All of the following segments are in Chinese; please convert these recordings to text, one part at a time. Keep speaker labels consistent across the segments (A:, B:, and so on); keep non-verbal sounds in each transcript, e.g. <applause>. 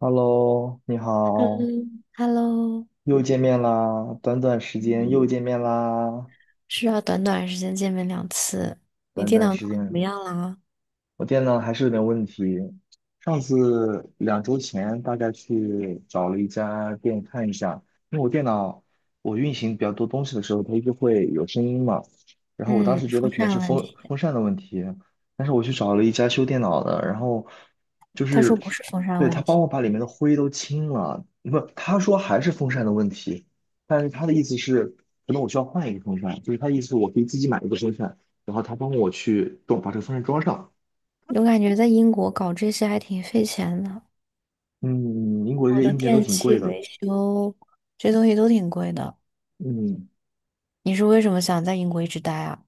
A: Hello，你好，
B: 嗯，Hello，
A: 又见面啦！短短时间又
B: 嗯，
A: 见面啦！
B: 是啊，短短时间见面两次。你
A: 短
B: 电脑
A: 短
B: 弄
A: 时
B: 得怎么
A: 间，
B: 样啦？
A: 我电脑还是有点问题。上次2周前大概去找了一家店看一下，因为我电脑我运行比较多东西的时候，它一直会有声音嘛。然后我当
B: 嗯，
A: 时觉得
B: 风
A: 可能
B: 扇
A: 是
B: 问
A: 风
B: 题。
A: 风扇的问题，但是我去找了一家修电脑的，然后就
B: 他说
A: 是
B: 不是风扇
A: 对他
B: 问
A: 帮
B: 题。
A: 我把里面的灰都清了，不，他说还是风扇的问题，但是他的意思是可能我需要换一个风扇，就是他的意思是我可以自己买一个风扇，然后他帮我去装把这个风扇装上。
B: 我感觉在英国搞这些还挺费钱的，
A: 嗯，英国这
B: 我
A: 些
B: 的
A: 硬件都
B: 电
A: 挺
B: 器
A: 贵的。
B: 维修这些东西都挺贵的。
A: 嗯，
B: 你是为什么想在英国一直待啊？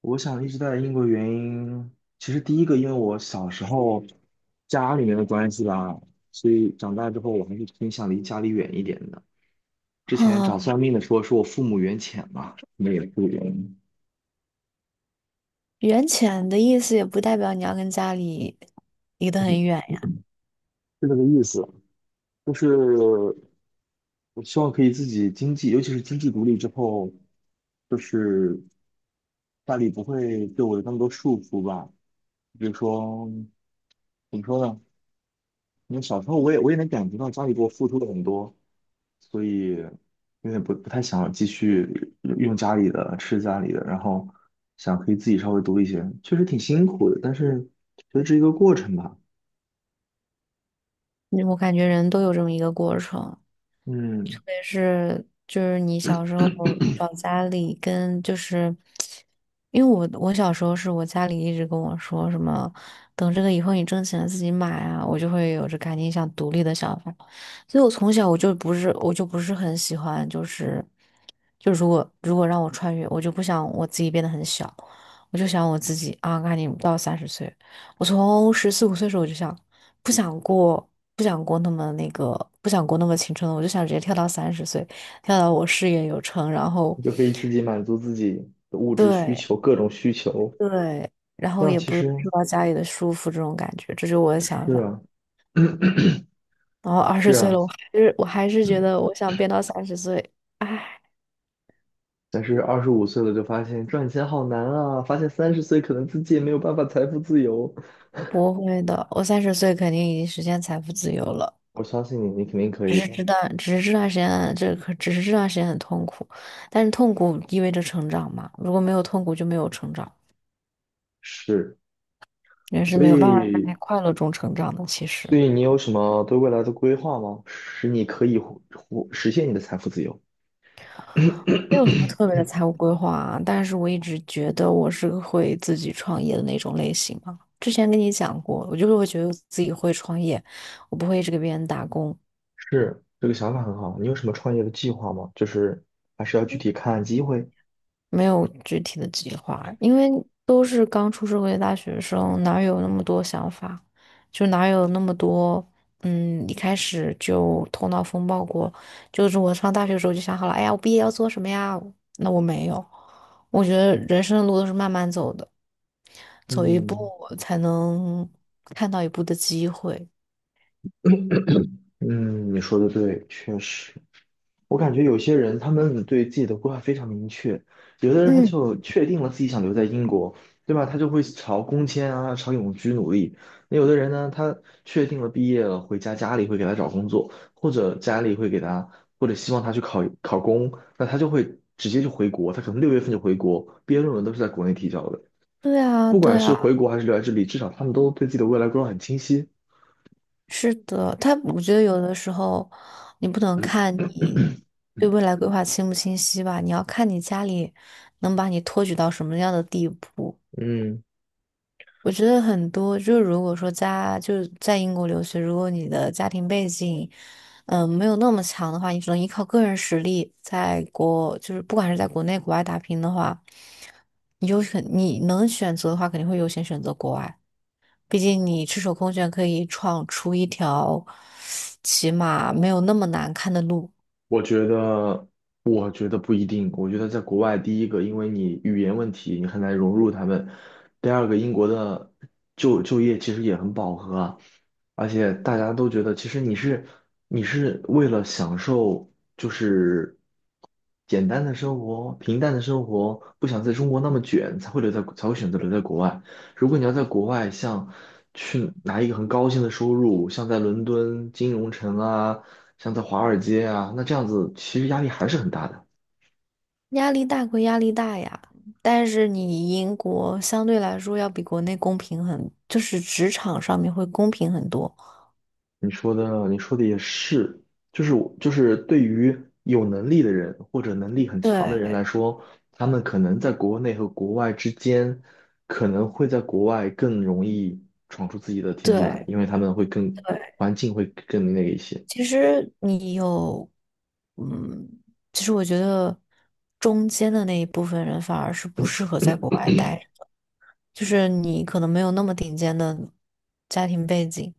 A: 我想一直待在英国原因，其实第一个因为我小时候家里面的关系吧，所以长大之后我还是偏向离家里远一点的。之前
B: 啊，
A: 找算命的说说我父母缘浅嘛，那也个原因，
B: 远浅的意思也不代表你要跟家里离得很
A: 嗯
B: 远呀。
A: 是这个意思。就是我希望可以自己经济，尤其是经济独立之后，就是家里不会对我有那么多束缚吧。比如说，怎么说呢？因为小时候我也能感觉到家里给我付出了很多，所以有点不太想继续用家里的吃家里的，然后想可以自己稍微读一些，确实挺辛苦的，但是觉得这是一个过程吧，
B: 嗯，我感觉人都有这么一个过程。特
A: 嗯，
B: 别是就是你小时候找家里跟就是，因为我小时候是我家里一直跟我说什么，等这个以后你挣钱了自己买啊，我就会有着赶紧想独立的想法。所以我从小我就不是很喜欢就是就如果让我穿越，我就不想我自己变得很小，我就想我自己啊，赶紧到三十岁。我从十四五岁的时候我就想，不想过，不想过那么那个，不想过那么青春了，我就想直接跳到三十岁，跳到我事业有成，然后，
A: 你就可以自己满足自己的物质需
B: 对
A: 求，各种需求，
B: 对，然
A: 这
B: 后
A: 样
B: 也
A: 其
B: 不用
A: 实
B: 受到家里的束缚，这种感觉，这就是我的想
A: 是
B: 法。
A: 啊。<coughs>
B: 然后
A: <clears throat>
B: 二十
A: 是
B: 岁
A: 啊，
B: 了，我还是觉
A: 嗯
B: 得我想变到三十岁。唉，
A: 但是25岁了就发现赚钱好难啊，发现30岁可能自己也没有办法财富自由。
B: 不会的，我三十岁肯定已经实现财富自由了。
A: 我相信你，你肯定可
B: 只
A: 以
B: 是
A: 的。
B: 知道，只是这段时间，只是这段时间很痛苦，但是痛苦意味着成长嘛。如果没有痛苦，就没有成长，
A: 是。
B: 人是
A: 所
B: 没有办法
A: 以，
B: 在快乐中成长的。其实
A: 所以你有什么对未来的规划吗？使你可以实现你的财富自由？<coughs>
B: 没有什么特别的
A: <clears throat>
B: 财务规划啊，但是我一直觉得我是个会自己创业的那种类型嘛。之前跟你讲过，我就是会觉得自己会创业，我不会一直给别人打工。
A: 是，这个想法很好。你有什么创业的计划吗？就是还是要具体看机会。
B: 没有具体的计划，因为都是刚出社会的大学生，哪有那么多想法？就哪有那么多，一开始就头脑风暴过。就是我上大学的时候就想好了，哎呀，我毕业要做什么呀？那我没有，我觉得人生的路都是慢慢走的，走一步
A: 嗯
B: 才能看到一步的机会。
A: 嗯，你说的对，确实。我感觉有些人他们对自己的规划非常明确，有的人他
B: 嗯，
A: 就确定了自己想留在英国，对吧？他就会朝工签啊、朝永居努力。那有的人呢，他确定了毕业了，回家家里会给他找工作，或者家里会给他，或者希望他去考考公，那他就会直接就回国，他可能6月份就回国，毕业论文都是在国内提交的。
B: 对啊，
A: 不
B: 对
A: 管是
B: 啊。
A: 回国还是留在这里，至少他们都对自己的未来规划很清晰。
B: 是的，他我觉得有的时候你不
A: <clears throat>
B: 能看你对
A: 嗯，
B: 未来规划清不清晰吧，你要看你家里能把你托举到什么样的地步。
A: 嗯
B: 我觉得很多，就是如果说家就是在英国留学，如果你的家庭背景，没有那么强的话，你只能依靠个人实力，在国就是不管是在国内国外打拼的话，你就很你能选择的话，肯定会优先选择国外。毕竟你赤手空拳可以闯出一条起码没有那么难看的路。
A: 我觉得，我觉得不一定。我觉得在国外，第一个，因为你语言问题，你很难融入他们；第二个，英国的就业其实也很饱和啊，而且大家都觉得，其实你是为了享受，就是简单的生活、平淡的生活，不想在中国那么卷，才会留在，才会选择留在国外。如果你要在国外，像去拿一个很高薪的收入，像在伦敦金融城啊，像在华尔街啊，那这样子其实压力还是很大的。
B: 压力大归压力大呀，但是你英国相对来说要比国内公平很，就是职场上面会公平很多。
A: 你说的也是，就是我就是对于有能力的人或者能力很强的人
B: 对
A: 来说，他们可能在国内和国外之间，可能会在国外更容易闯出自己的天地来，
B: 对
A: 因为他们
B: 对，
A: 环境会更那个一些。
B: 其实你有，嗯，其实我觉得中间的那一部分人反而是不
A: 嗯
B: 适合在国外待。就是你可能没有那么顶尖的家庭背景，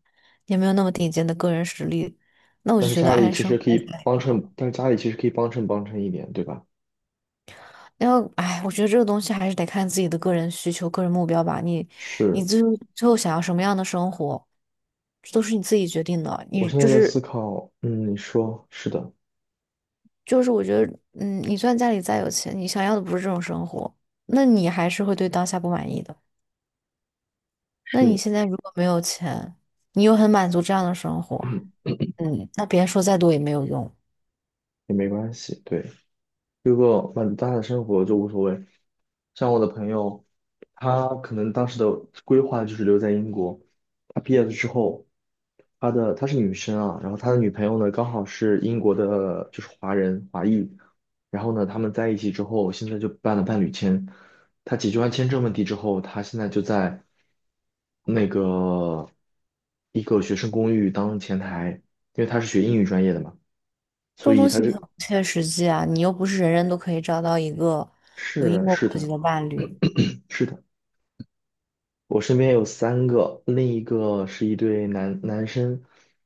B: 也没有那么顶尖的个人实力，那我就觉得安生孩子吧。
A: 但是家里其实可以帮衬帮衬一点，对吧？
B: 然后唉，我觉得这个东西还是得看自己的个人需求、个人目标吧。你你
A: 是，
B: 最后最后想要什么样的生活，这都是你自己决定的。
A: 我
B: 你
A: 现
B: 就
A: 在在思
B: 是
A: 考，你说是的，
B: 就是，我觉得，你虽然家里再有钱，你想要的不是这种生活，那你还是会对当下不满意的。那你
A: 是，
B: 现在如果没有钱，你又很满足这样的生活，
A: <clears throat>
B: 那别人说再多也没有用。
A: 也没关系，对。如果满大的生活就无所谓。像我的朋友，他可能当时的规划就是留在英国。他毕业了之后，她是女生啊，然后他的女朋友呢刚好是英国的，就是华人华裔。然后呢，他们在一起之后，现在就办了伴侣签。他解决完签证问题之后，他现在就在那个一个学生公寓当前台，因为他是学英语专业的嘛。
B: 这
A: 所
B: 种
A: 以
B: 东西很不切实际啊，你又不是人人都可以找到一个有
A: 是
B: 英国
A: 是
B: 国籍
A: 的，
B: 的伴侣。
A: 是的，我身边有三个，另一个是一对男生，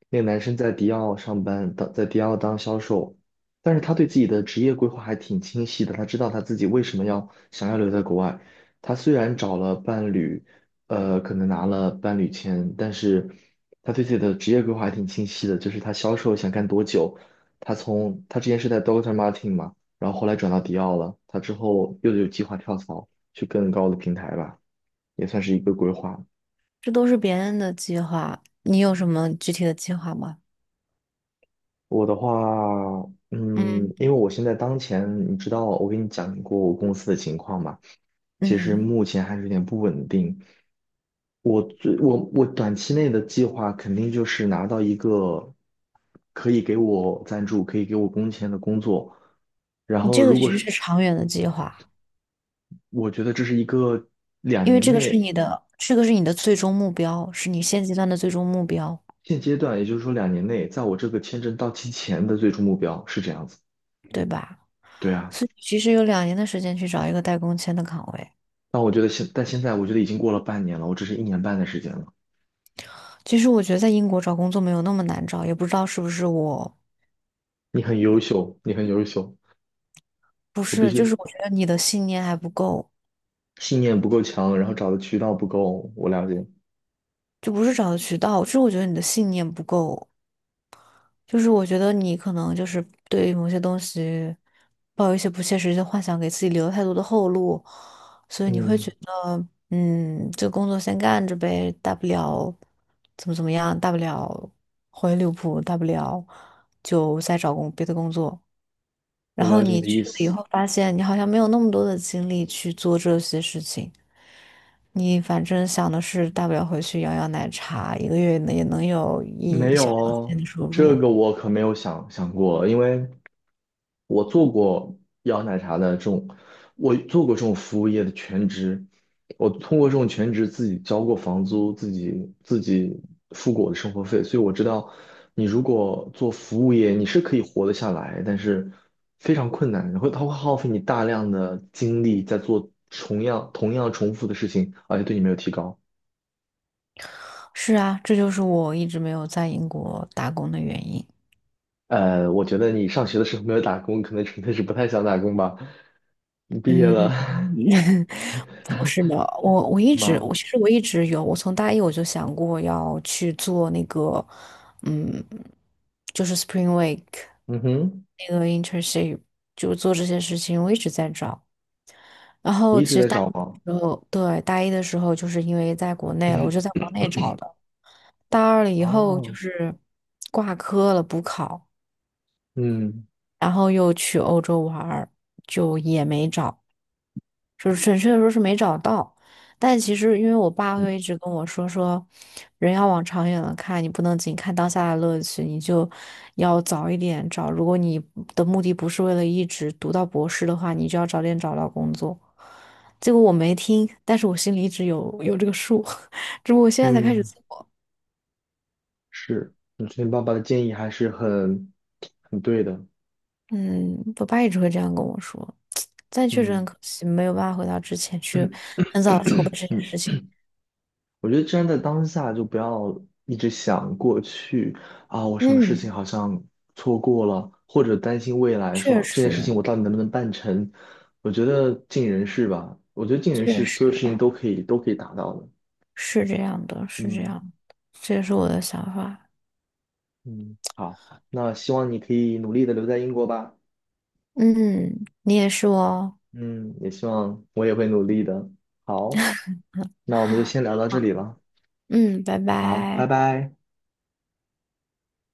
A: 那个男生在迪奥上班，在迪奥当销售，但是他对自己的职业规划还挺清晰的，他知道他自己为什么想要留在国外。他虽然找了伴侣，可能拿了伴侣签，但是他对自己的职业规划还挺清晰的，就是他销售想干多久，他之前是在 Dr. o t Martin 嘛，然后后来转到迪奥了，他之后又有计划跳槽去更高的平台吧。也算是一个规划。
B: 这都是别人的计划。你有什么具体的计划吗？
A: 我的话，嗯，
B: 嗯
A: 因为我现在当前，你知道，我跟你讲过我公司的情况嘛，其实
B: 嗯，
A: 目前还是有点不稳定。我最我我短期内的计划肯定就是拿到一个可以给我赞助、可以给我工钱的工作，然
B: 你
A: 后
B: 这个
A: 如果
B: 其实是
A: 是
B: 长远的计划，
A: 我觉得这是一个两
B: 因为
A: 年
B: 这个是你
A: 内
B: 的，这个是你的最终目标，是你现阶段的最终目标，
A: 现阶段，也就是说两年内，在我这个签证到期前的最终目标是这样子。
B: 对吧？
A: 对啊。
B: 所以其实有两年的时间去找一个带工签的岗位。
A: 但我觉得但现在我觉得已经过了半年了，我只是1年半的时间了。
B: 其实我觉得在英国找工作没有那么难找，也不知道是不是我，
A: 你很优秀，你很优秀，
B: 不
A: 我必
B: 是，就是
A: 须
B: 我觉得你的信念还不够。
A: 信念不够强，然后找的渠道不够，我了解。
B: 就不是找的渠道，就是我觉得你的信念不够，就是我觉得你可能就是对于某些东西抱有一些不切实际的幻想，给自己留了太多的后路，所以你会
A: 嗯，
B: 觉得，这个工作先干着呗，大不了怎么样，大不了回利物浦，大不了就再找别的工作。
A: 我
B: 然后
A: 了解你
B: 你
A: 的
B: 去
A: 意
B: 了以
A: 思。
B: 后，发现你好像没有那么多的精力去做这些事情。你反正想的是，大不了回去摇摇奶茶，一个月呢也能有
A: 没
B: 一
A: 有
B: 小两千
A: 哦，
B: 的收
A: 这
B: 入。
A: 个我可没有想过，因为我做过摇奶茶的这种，我做过这种服务业的全职，我通过这种全职自己交过房租，自己付过我的生活费，所以我知道，你如果做服务业，你是可以活得下来，但是非常困难，然后它会耗费你大量的精力在做同样重复的事情，而且对你没有提高。
B: 是啊，这就是我一直没有在英国打工的原因。
A: 我觉得你上学的时候没有打工，可能纯粹是不太想打工吧。你毕业
B: 嗯，
A: 了
B: <laughs> 不是的，我一
A: <laughs>
B: 直我
A: 吗？
B: 其实我一直有，我从大一我就想过要去做那个，嗯，就是 Spring Week
A: 嗯哼。
B: 那个 internship，就做这些事情，我一直在找。然
A: 你
B: 后
A: 一
B: 其
A: 直
B: 实
A: 在
B: 大
A: 找
B: 一
A: 吗？
B: 的时候，对，大一的时候就是因为在国内了，我就在国内找
A: <clears throat>
B: 的。大二了以后就
A: 哦，
B: 是挂科了，补考，
A: 嗯
B: 然后又去欧洲玩儿，就也没找。就是准确的说是没找到，但其实因为我爸
A: 嗯
B: 会一直跟我说，人要往长远了看，你不能仅看当下的乐趣，你就要早一点找。如果你的目的不是为了一直读到博士的话，你就要早点找到工作。结果我没听，但是我心里一直有这个数，<laughs> 只不过我现在才开始
A: 嗯，
B: 做。
A: 是，我觉得爸爸的建议还是很对的。
B: 嗯，我爸一直会这样跟我说，但确实很
A: 嗯
B: 可惜，没有办法回到之前去
A: <clears throat> 嗯，
B: 很早地筹备这件事情。
A: 我觉得站在当下就不要一直想过去啊，我什么事
B: 嗯，
A: 情好像错过了，或者担心未来，
B: 确
A: 说这件事情
B: 实，
A: 我到底能不能办成？我觉得尽人事吧，我觉得尽人事，
B: 确
A: 所有事
B: 实。
A: 情都可以达到的。
B: 是这样的，是这
A: 嗯
B: 样的，这也是我的想法。
A: 嗯，好，那希望你可以努力的留在英国吧。
B: 嗯，你也是哦。
A: 嗯，也希望我也会努力的。好，那我们就先聊到这里了。
B: 嗯，拜
A: 好，拜
B: 拜。
A: 拜。